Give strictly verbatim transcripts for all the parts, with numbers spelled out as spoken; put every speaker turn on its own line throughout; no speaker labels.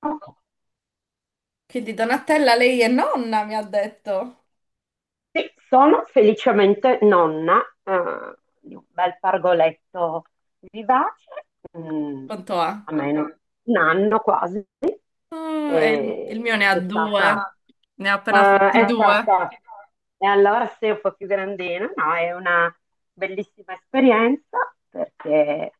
Ok.
Quindi Donatella, lei è nonna, mi ha detto.
Sì, sono felicemente nonna, eh, di un bel pargoletto vivace, mm,
Quanto ha?
a meno un anno quasi,
Oh, e il, il
eh,
mio ne
ed
ha
è
due.
stata,
Ne ha appena
eh,
fatti
è
due.
stata, e allora sei un po' più grandina, no, è una bellissima esperienza perché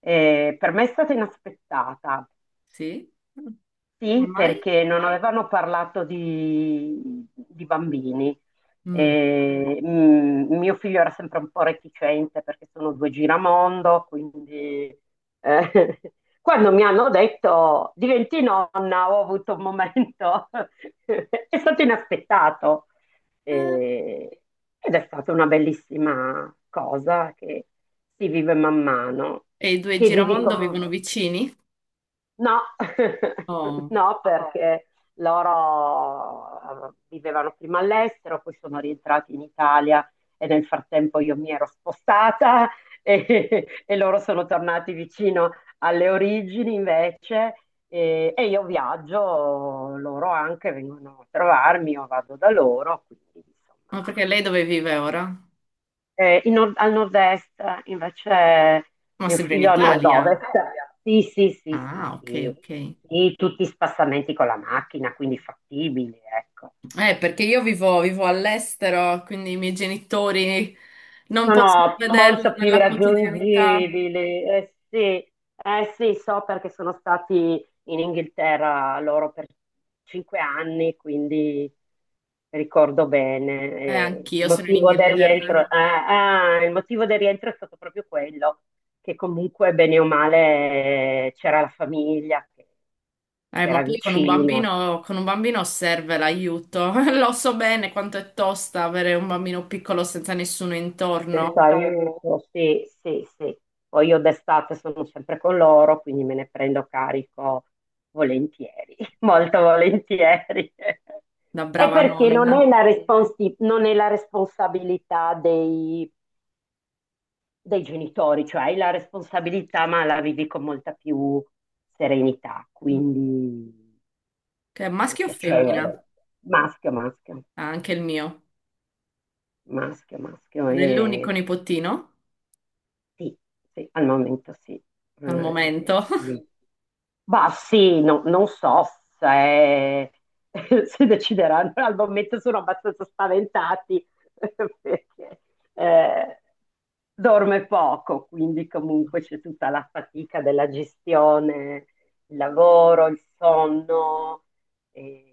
eh, per me è stata inaspettata.
Sì?
Sì,
Come mai?
perché non avevano parlato di, di bambini.
Mm.
E, mm, mio figlio era sempre un po' reticente perché sono due giramondo, quindi eh, quando mi hanno detto diventi nonna, ho avuto un momento, è stato inaspettato.
Eh,
E- Ed è stata una bellissima cosa che si vive man mano,
E i due
che vivi
Giramondo
con...
vivono vicini?
No,
Oh.
no. Ah, perché loro eh, vivevano prima all'estero, poi sono rientrati in Italia e nel frattempo io mi ero spostata e, e loro sono tornati vicino alle origini invece, e, e io viaggio, loro anche vengono a trovarmi, io vado da loro, quindi insomma
Ma perché lei dove vive ora?
eh, in nord- al nord-est invece.
Ma
Mio
sempre in
figlio al Al nord-ovest.
Italia.
nord-ovest. Sì, sì, sì, sì,
Ah, ok,
sì.
ok.
Sì, tutti spassamenti con la macchina, quindi fattibili, ecco.
Eh, perché io vivo, vivo all'estero, quindi i miei genitori non possono
Sono
vederlo
molto più
nella quotidianità.
raggiungibili. Eh sì, eh sì, so perché sono stati in Inghilterra loro per cinque anni, quindi ricordo bene.
Eh,
Eh, il
anch'io sono in
motivo del rientro, eh,
Inghilterra.
ah, il motivo del rientro è stato proprio quello, che comunque bene o male eh, c'era la famiglia che
Eh,
che
ma
era
poi con un
vicina.
bambino, con un bambino serve l'aiuto. Lo so bene quanto è tosta avere un bambino piccolo senza nessuno
Quindi,
intorno,
pensare, diventano, sì, sì, sì. Poi io d'estate sono sempre con loro, quindi me ne prendo carico volentieri, molto volentieri.
da
È
brava
perché non
nonna.
è la, Sì. responsi- non è la responsabilità dei, dei, genitori, cioè hai la responsabilità ma la vivi con molta più serenità,
Mm.
quindi
Che è
è, Maschio?,
maschio o femmina?
piacevole. Maschio, maschio,
Ah, anche il mio.
maschio, maschio.
Ed è l'unico
E
nipotino
sì, sì, al momento sì.
al
Eh,
momento.
quindi, bah, sì, no- non so se, se decideranno, al momento sono abbastanza spaventati perché eh, dorme poco, quindi comunque c'è tutta la fatica della gestione, il lavoro, il sonno, eh,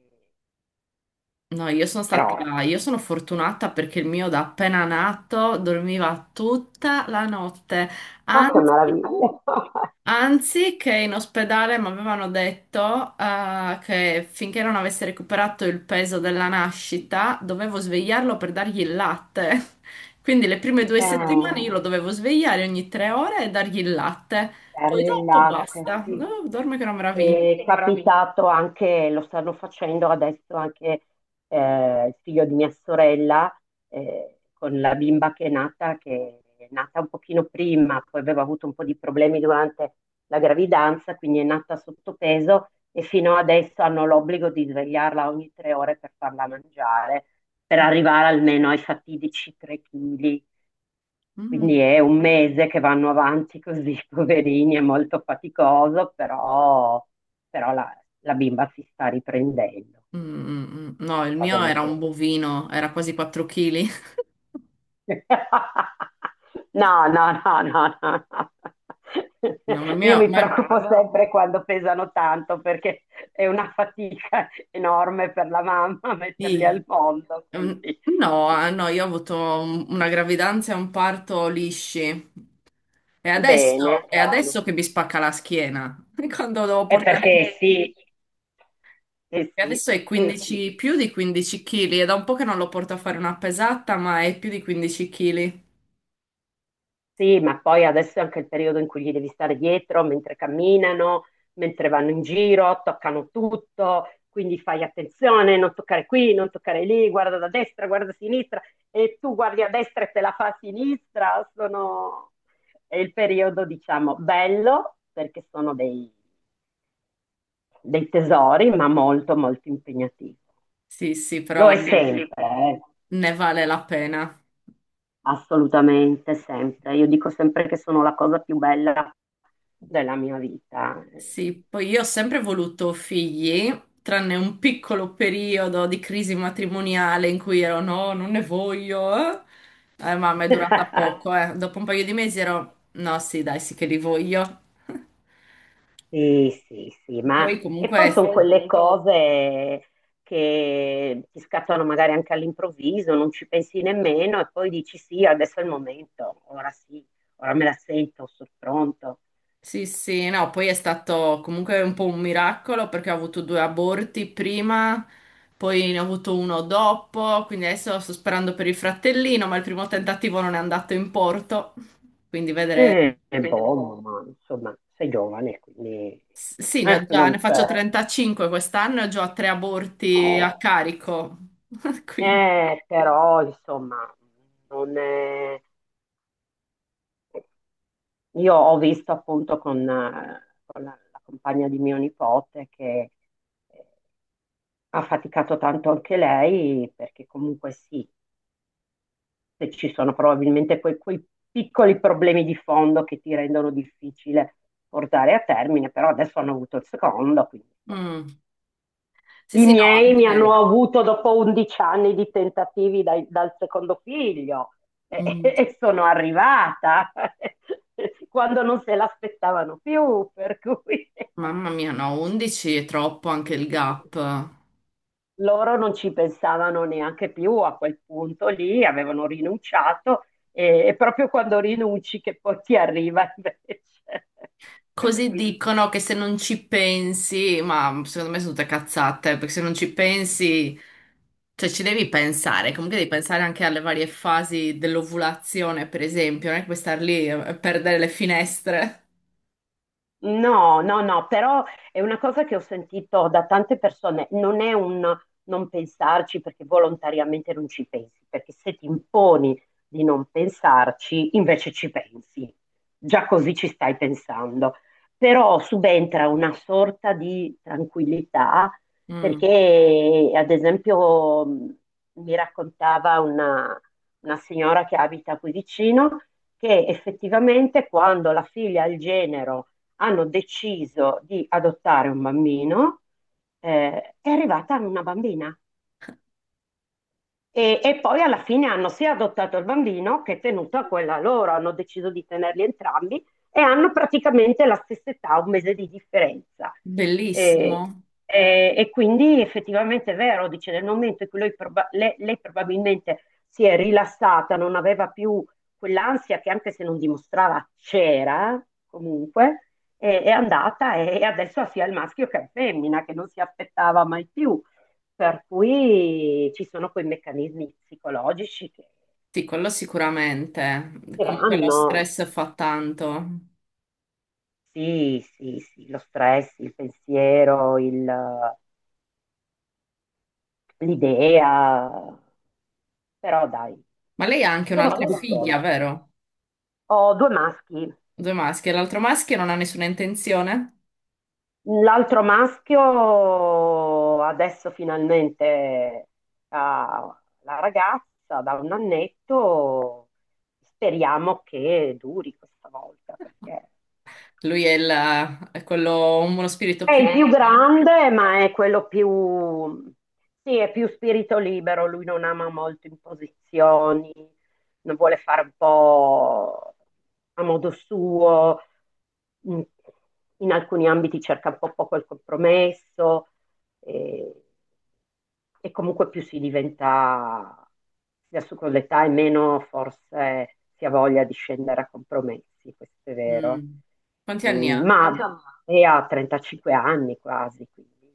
No, io sono
però,
stata, io sono fortunata perché il mio da appena nato dormiva tutta la notte.
oh che
Anzi,
meraviglia!
Anzi, che in ospedale mi avevano detto eh, che finché non avesse recuperato il peso della nascita, dovevo svegliarlo per dargli il latte. Quindi le prime due settimane
Eh,
io lo dovevo svegliare ogni tre ore e dargli il latte.
è
Poi dopo
relax.
basta. Oh, dorme che è una meraviglia.
È capitato anche, lo stanno facendo adesso anche eh, il figlio di mia sorella eh, con la bimba che è nata, che è nata un pochino prima, poi aveva avuto un po' di problemi durante la gravidanza, quindi è nata sottopeso e fino adesso hanno l'obbligo di svegliarla ogni tre ore per farla mangiare, per arrivare almeno ai fatidici tre chili.
Mm.
Quindi è un mese che vanno avanti così, poverini, è molto faticoso, però, però la, la, bimba si sta riprendendo,
Mm,
quindi
mm, mm. No, il
va
mio
bene
era un
così.
bovino, era quasi quattro chili.
No, no, no, no, no, no.
No, ma il
Io
mio...
mi
Ma...
preoccupo, brava, sempre quando pesano tanto perché è una fatica enorme per la mamma metterli
sì.
al mondo,
Mm,
quindi
no, eh, no, io ho avuto un- una gravidanza e un parto lisci. E
bene,
adesso, è
bene.
adesso che mi spacca la schiena. Quando devo
È
portare...
perché sì, eh
E
sì,
adesso è
eh sì.
quindici, più di quindici chili. È da un po' che non lo porto a fare una pesata, ma è più di quindici chili.
Sì, ma poi adesso è anche il periodo in cui gli devi stare dietro mentre camminano, mentre vanno in giro, toccano tutto, quindi fai attenzione, non toccare qui, non toccare lì, guarda da destra, guarda a sinistra e tu guardi a destra e te la fa a sinistra. Sono. È il periodo, diciamo, bello perché sono dei, dei, tesori, ma molto, molto impegnativo.
Sì, sì,
Lo
però
è
no,
sempre, eh.
ne vale la pena.
Assolutamente, sempre. Io dico sempre che sono la cosa più bella della mia vita.
Sì, poi io ho sempre voluto figli, tranne un piccolo periodo di crisi matrimoniale in cui ero no, non ne voglio. Eh, Eh, mamma, è durata poco, eh. Dopo un paio di mesi ero no, sì, dai, sì che li voglio.
Sì, sì, sì, ma
Poi
e
comunque,
poi sono quelle cose che ti scattano magari anche all'improvviso, non ci pensi nemmeno e poi dici sì, adesso è il momento, ora sì, ora me la sento, sono pronto.
sì, sì, no, poi è stato comunque un po' un miracolo perché ho avuto due aborti prima, poi ne ho avuto uno dopo, quindi adesso sto sperando per il fratellino, ma il primo tentativo non è andato in porto, quindi vedremo.
Eh, È buono, ma insomma, sei giovane, quindi
S- Sì, ne ho
eh,
già,
non
ne
c'è.
faccio trentacinque quest'anno e ho già tre aborti a carico. Quindi,
Eh, però insomma, non è. Io ho visto appunto con, eh, con la, la, compagna di mio nipote che eh, ha faticato tanto anche lei, perché comunque sì, se ci sono probabilmente quei, quei piccoli problemi di fondo che ti rendono difficile portare a termine, però adesso hanno avuto il secondo, quindi insomma,
mm. Sì,
i
sì, no,
miei mi hanno
anche-
avuto dopo undici anni di tentativi dai- dal secondo figlio e,
mm.
e sono arrivata quando non se l'aspettavano più, per cui
Mamma mia, no, undici è troppo anche il gap.
loro non ci pensavano neanche più a quel punto lì, avevano rinunciato e, è proprio quando rinunci che poi ti arriva invece. Per
Così
cui
dicono che se non ci pensi, ma secondo me sono tutte cazzate, perché se non ci pensi, cioè ci devi pensare, comunque devi pensare anche alle varie fasi dell'ovulazione, per esempio, non è che puoi star lì e perdere le finestre.
no, no, no, però è una cosa che ho sentito da tante persone, non è un non pensarci perché volontariamente non ci pensi, perché se ti imponi di non pensarci, invece ci pensi, già così ci stai pensando, però subentra una sorta di tranquillità
Mm.
perché, ad esempio, mh, mi raccontava una, una signora che abita qui vicino che effettivamente quando la figlia ha il genero hanno deciso di adottare un bambino, eh, è arrivata una bambina e, e poi alla fine hanno sia adottato il bambino che tenuto a quella loro, hanno deciso di tenerli entrambi e hanno praticamente la stessa età, un mese di differenza. E,
Bellissimo.
e- e quindi effettivamente è vero, dice, nel momento in cui lui proba- le- lei probabilmente si è rilassata, non aveva più quell'ansia che anche se non dimostrava c'era, comunque, è, è andata e adesso ha sia il maschio che la femmina, che non si aspettava mai più. Per cui ci sono quei meccanismi psicologici che,
Sì, quello sicuramente.
che
Comunque lo
vanno.
stress fa tanto.
Sì, sì, sì, lo stress, il pensiero, il- l'idea, però dai,
Ma lei ha anche
sono
un'altra figlia,
fiduciosa.
vero?
Ho due maschi.
Due maschi. E l'altro maschio non ha nessuna intenzione?
L'altro maschio adesso finalmente ha la ragazza da un annetto. Speriamo che duri questa volta perché
Lui è, il, è quello, uno spirito
è
più
il più
libero?
grande, ma è quello più. Sì, è più spirito libero, lui non ama molto imposizioni, non vuole fare un po' a modo suo, in in alcuni ambiti cerca un po' poco il compromesso, e, e comunque più si diventa adesso con l'età e meno forse si ha voglia di scendere a compromessi, questo è vero.
Mm. Quanti anni
Mm,
ha?
Ma è a trentacinque anni quasi, quindi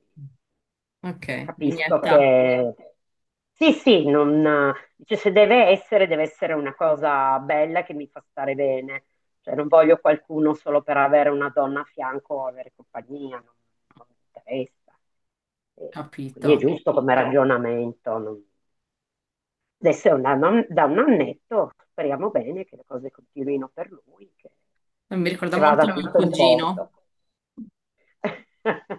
Ok, la mia
capisco
età,
che sì, sì, non, dice, se deve essere, deve essere una cosa bella che mi fa stare bene. Cioè, non voglio qualcuno solo per avere una donna a fianco o avere compagnia, non, non mi interessa. E, e quindi è
capito.
giusto come, capito, ragionamento. Non. Adesso è un anno- da un annetto, speriamo bene che le cose continuino per lui, che,
Mi ricorda
che
molto
vada
mio
tutto in
cugino.
posto.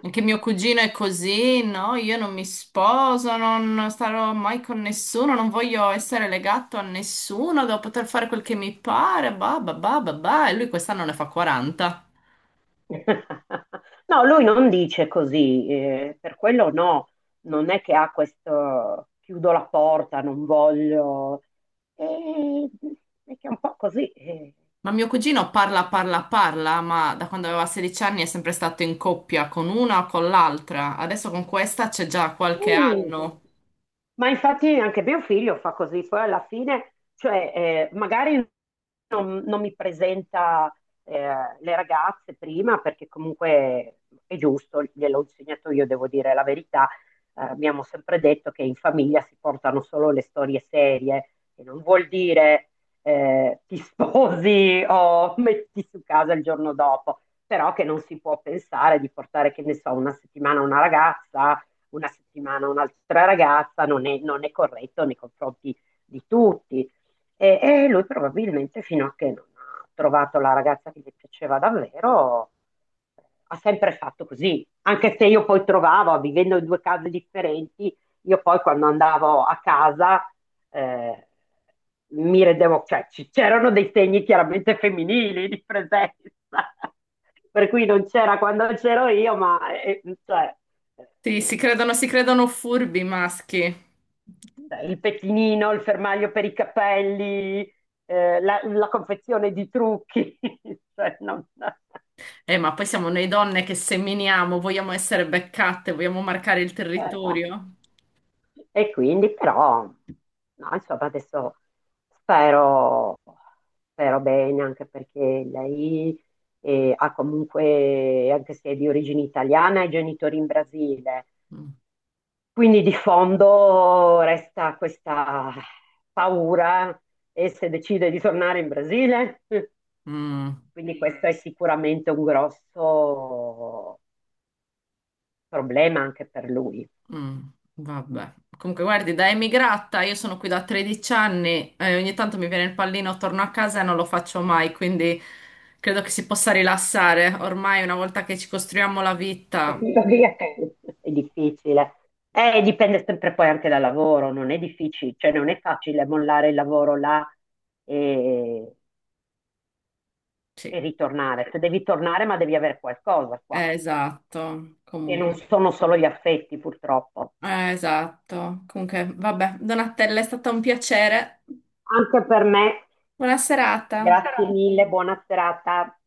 Anche mio cugino è così, no? Io non mi sposo, non starò mai con nessuno, non voglio essere legato a nessuno, devo poter fare quel che mi pare, bah, bah, bah, bah, bah. E lui quest'anno ne fa quaranta.
No, lui non dice così, eh, per quello no, non è che ha questo chiudo la porta, non voglio, eh, è che è un po' così, eh.
Ma mio cugino parla, parla, parla, ma da quando aveva sedici anni è sempre stato in coppia con una o con l'altra. Adesso con questa c'è già qualche
Sì, sì,
anno.
sì. Ma infatti anche mio figlio fa così, poi alla fine, cioè, eh, magari non, non mi presenta eh, le ragazze prima perché comunque è giusto, gliel'ho insegnato io, devo dire la verità. Eh, abbiamo sempre detto che in famiglia si portano solo le storie serie, che non vuol dire eh, ti sposi o metti su casa il giorno dopo, però che non si può pensare di portare, che ne so, una settimana una ragazza una settimana un'altra ragazza non è, non è corretto nei confronti di tutti. E, e lui probabilmente fino a che non ha trovato la ragazza che gli piaceva davvero ha sempre fatto così, anche se io poi trovavo, vivendo in due case differenti, io poi quando andavo a casa eh, mi rendevo, cioè c'erano dei segni chiaramente femminili di presenza, per cui non c'era quando c'ero io, ma eh, cioè,
Sì, si credono, si credono furbi i maschi.
Cioè, il pettinino, il fermaglio per i capelli, eh, la, la confezione di trucchi, cioè, non-
Eh, ma poi siamo noi donne che seminiamo, vogliamo essere beccate, vogliamo marcare il territorio.
e quindi però, no, insomma, adesso spero, spero bene anche perché lei eh, ha comunque, anche se è di origine italiana, ha i genitori in Brasile.
Mm,
Quindi di fondo resta questa paura e se decide di tornare in Brasile.
mm,
Quindi questo è sicuramente un grosso problema anche per lui.
mm, vabbè. Comunque, guardi, da emigrata, io sono qui da tredici anni e ogni tanto mi viene il pallino, torno a casa e non lo faccio mai, quindi credo che si possa rilassare. Ormai, una volta che ci costruiamo la vita,
Capito? Perché è difficile. Eh, dipende sempre poi anche dal lavoro, non è difficile, cioè non è facile mollare il lavoro là e, e
sì,
ritornare. Se devi tornare, ma devi avere qualcosa qua,
eh, esatto.
che
Comunque,
non sono solo gli affetti, purtroppo.
eh, esatto. Comunque, vabbè, Donatella, è stato un piacere.
Anche per me,
Buona serata.
grazie mille, buona serata.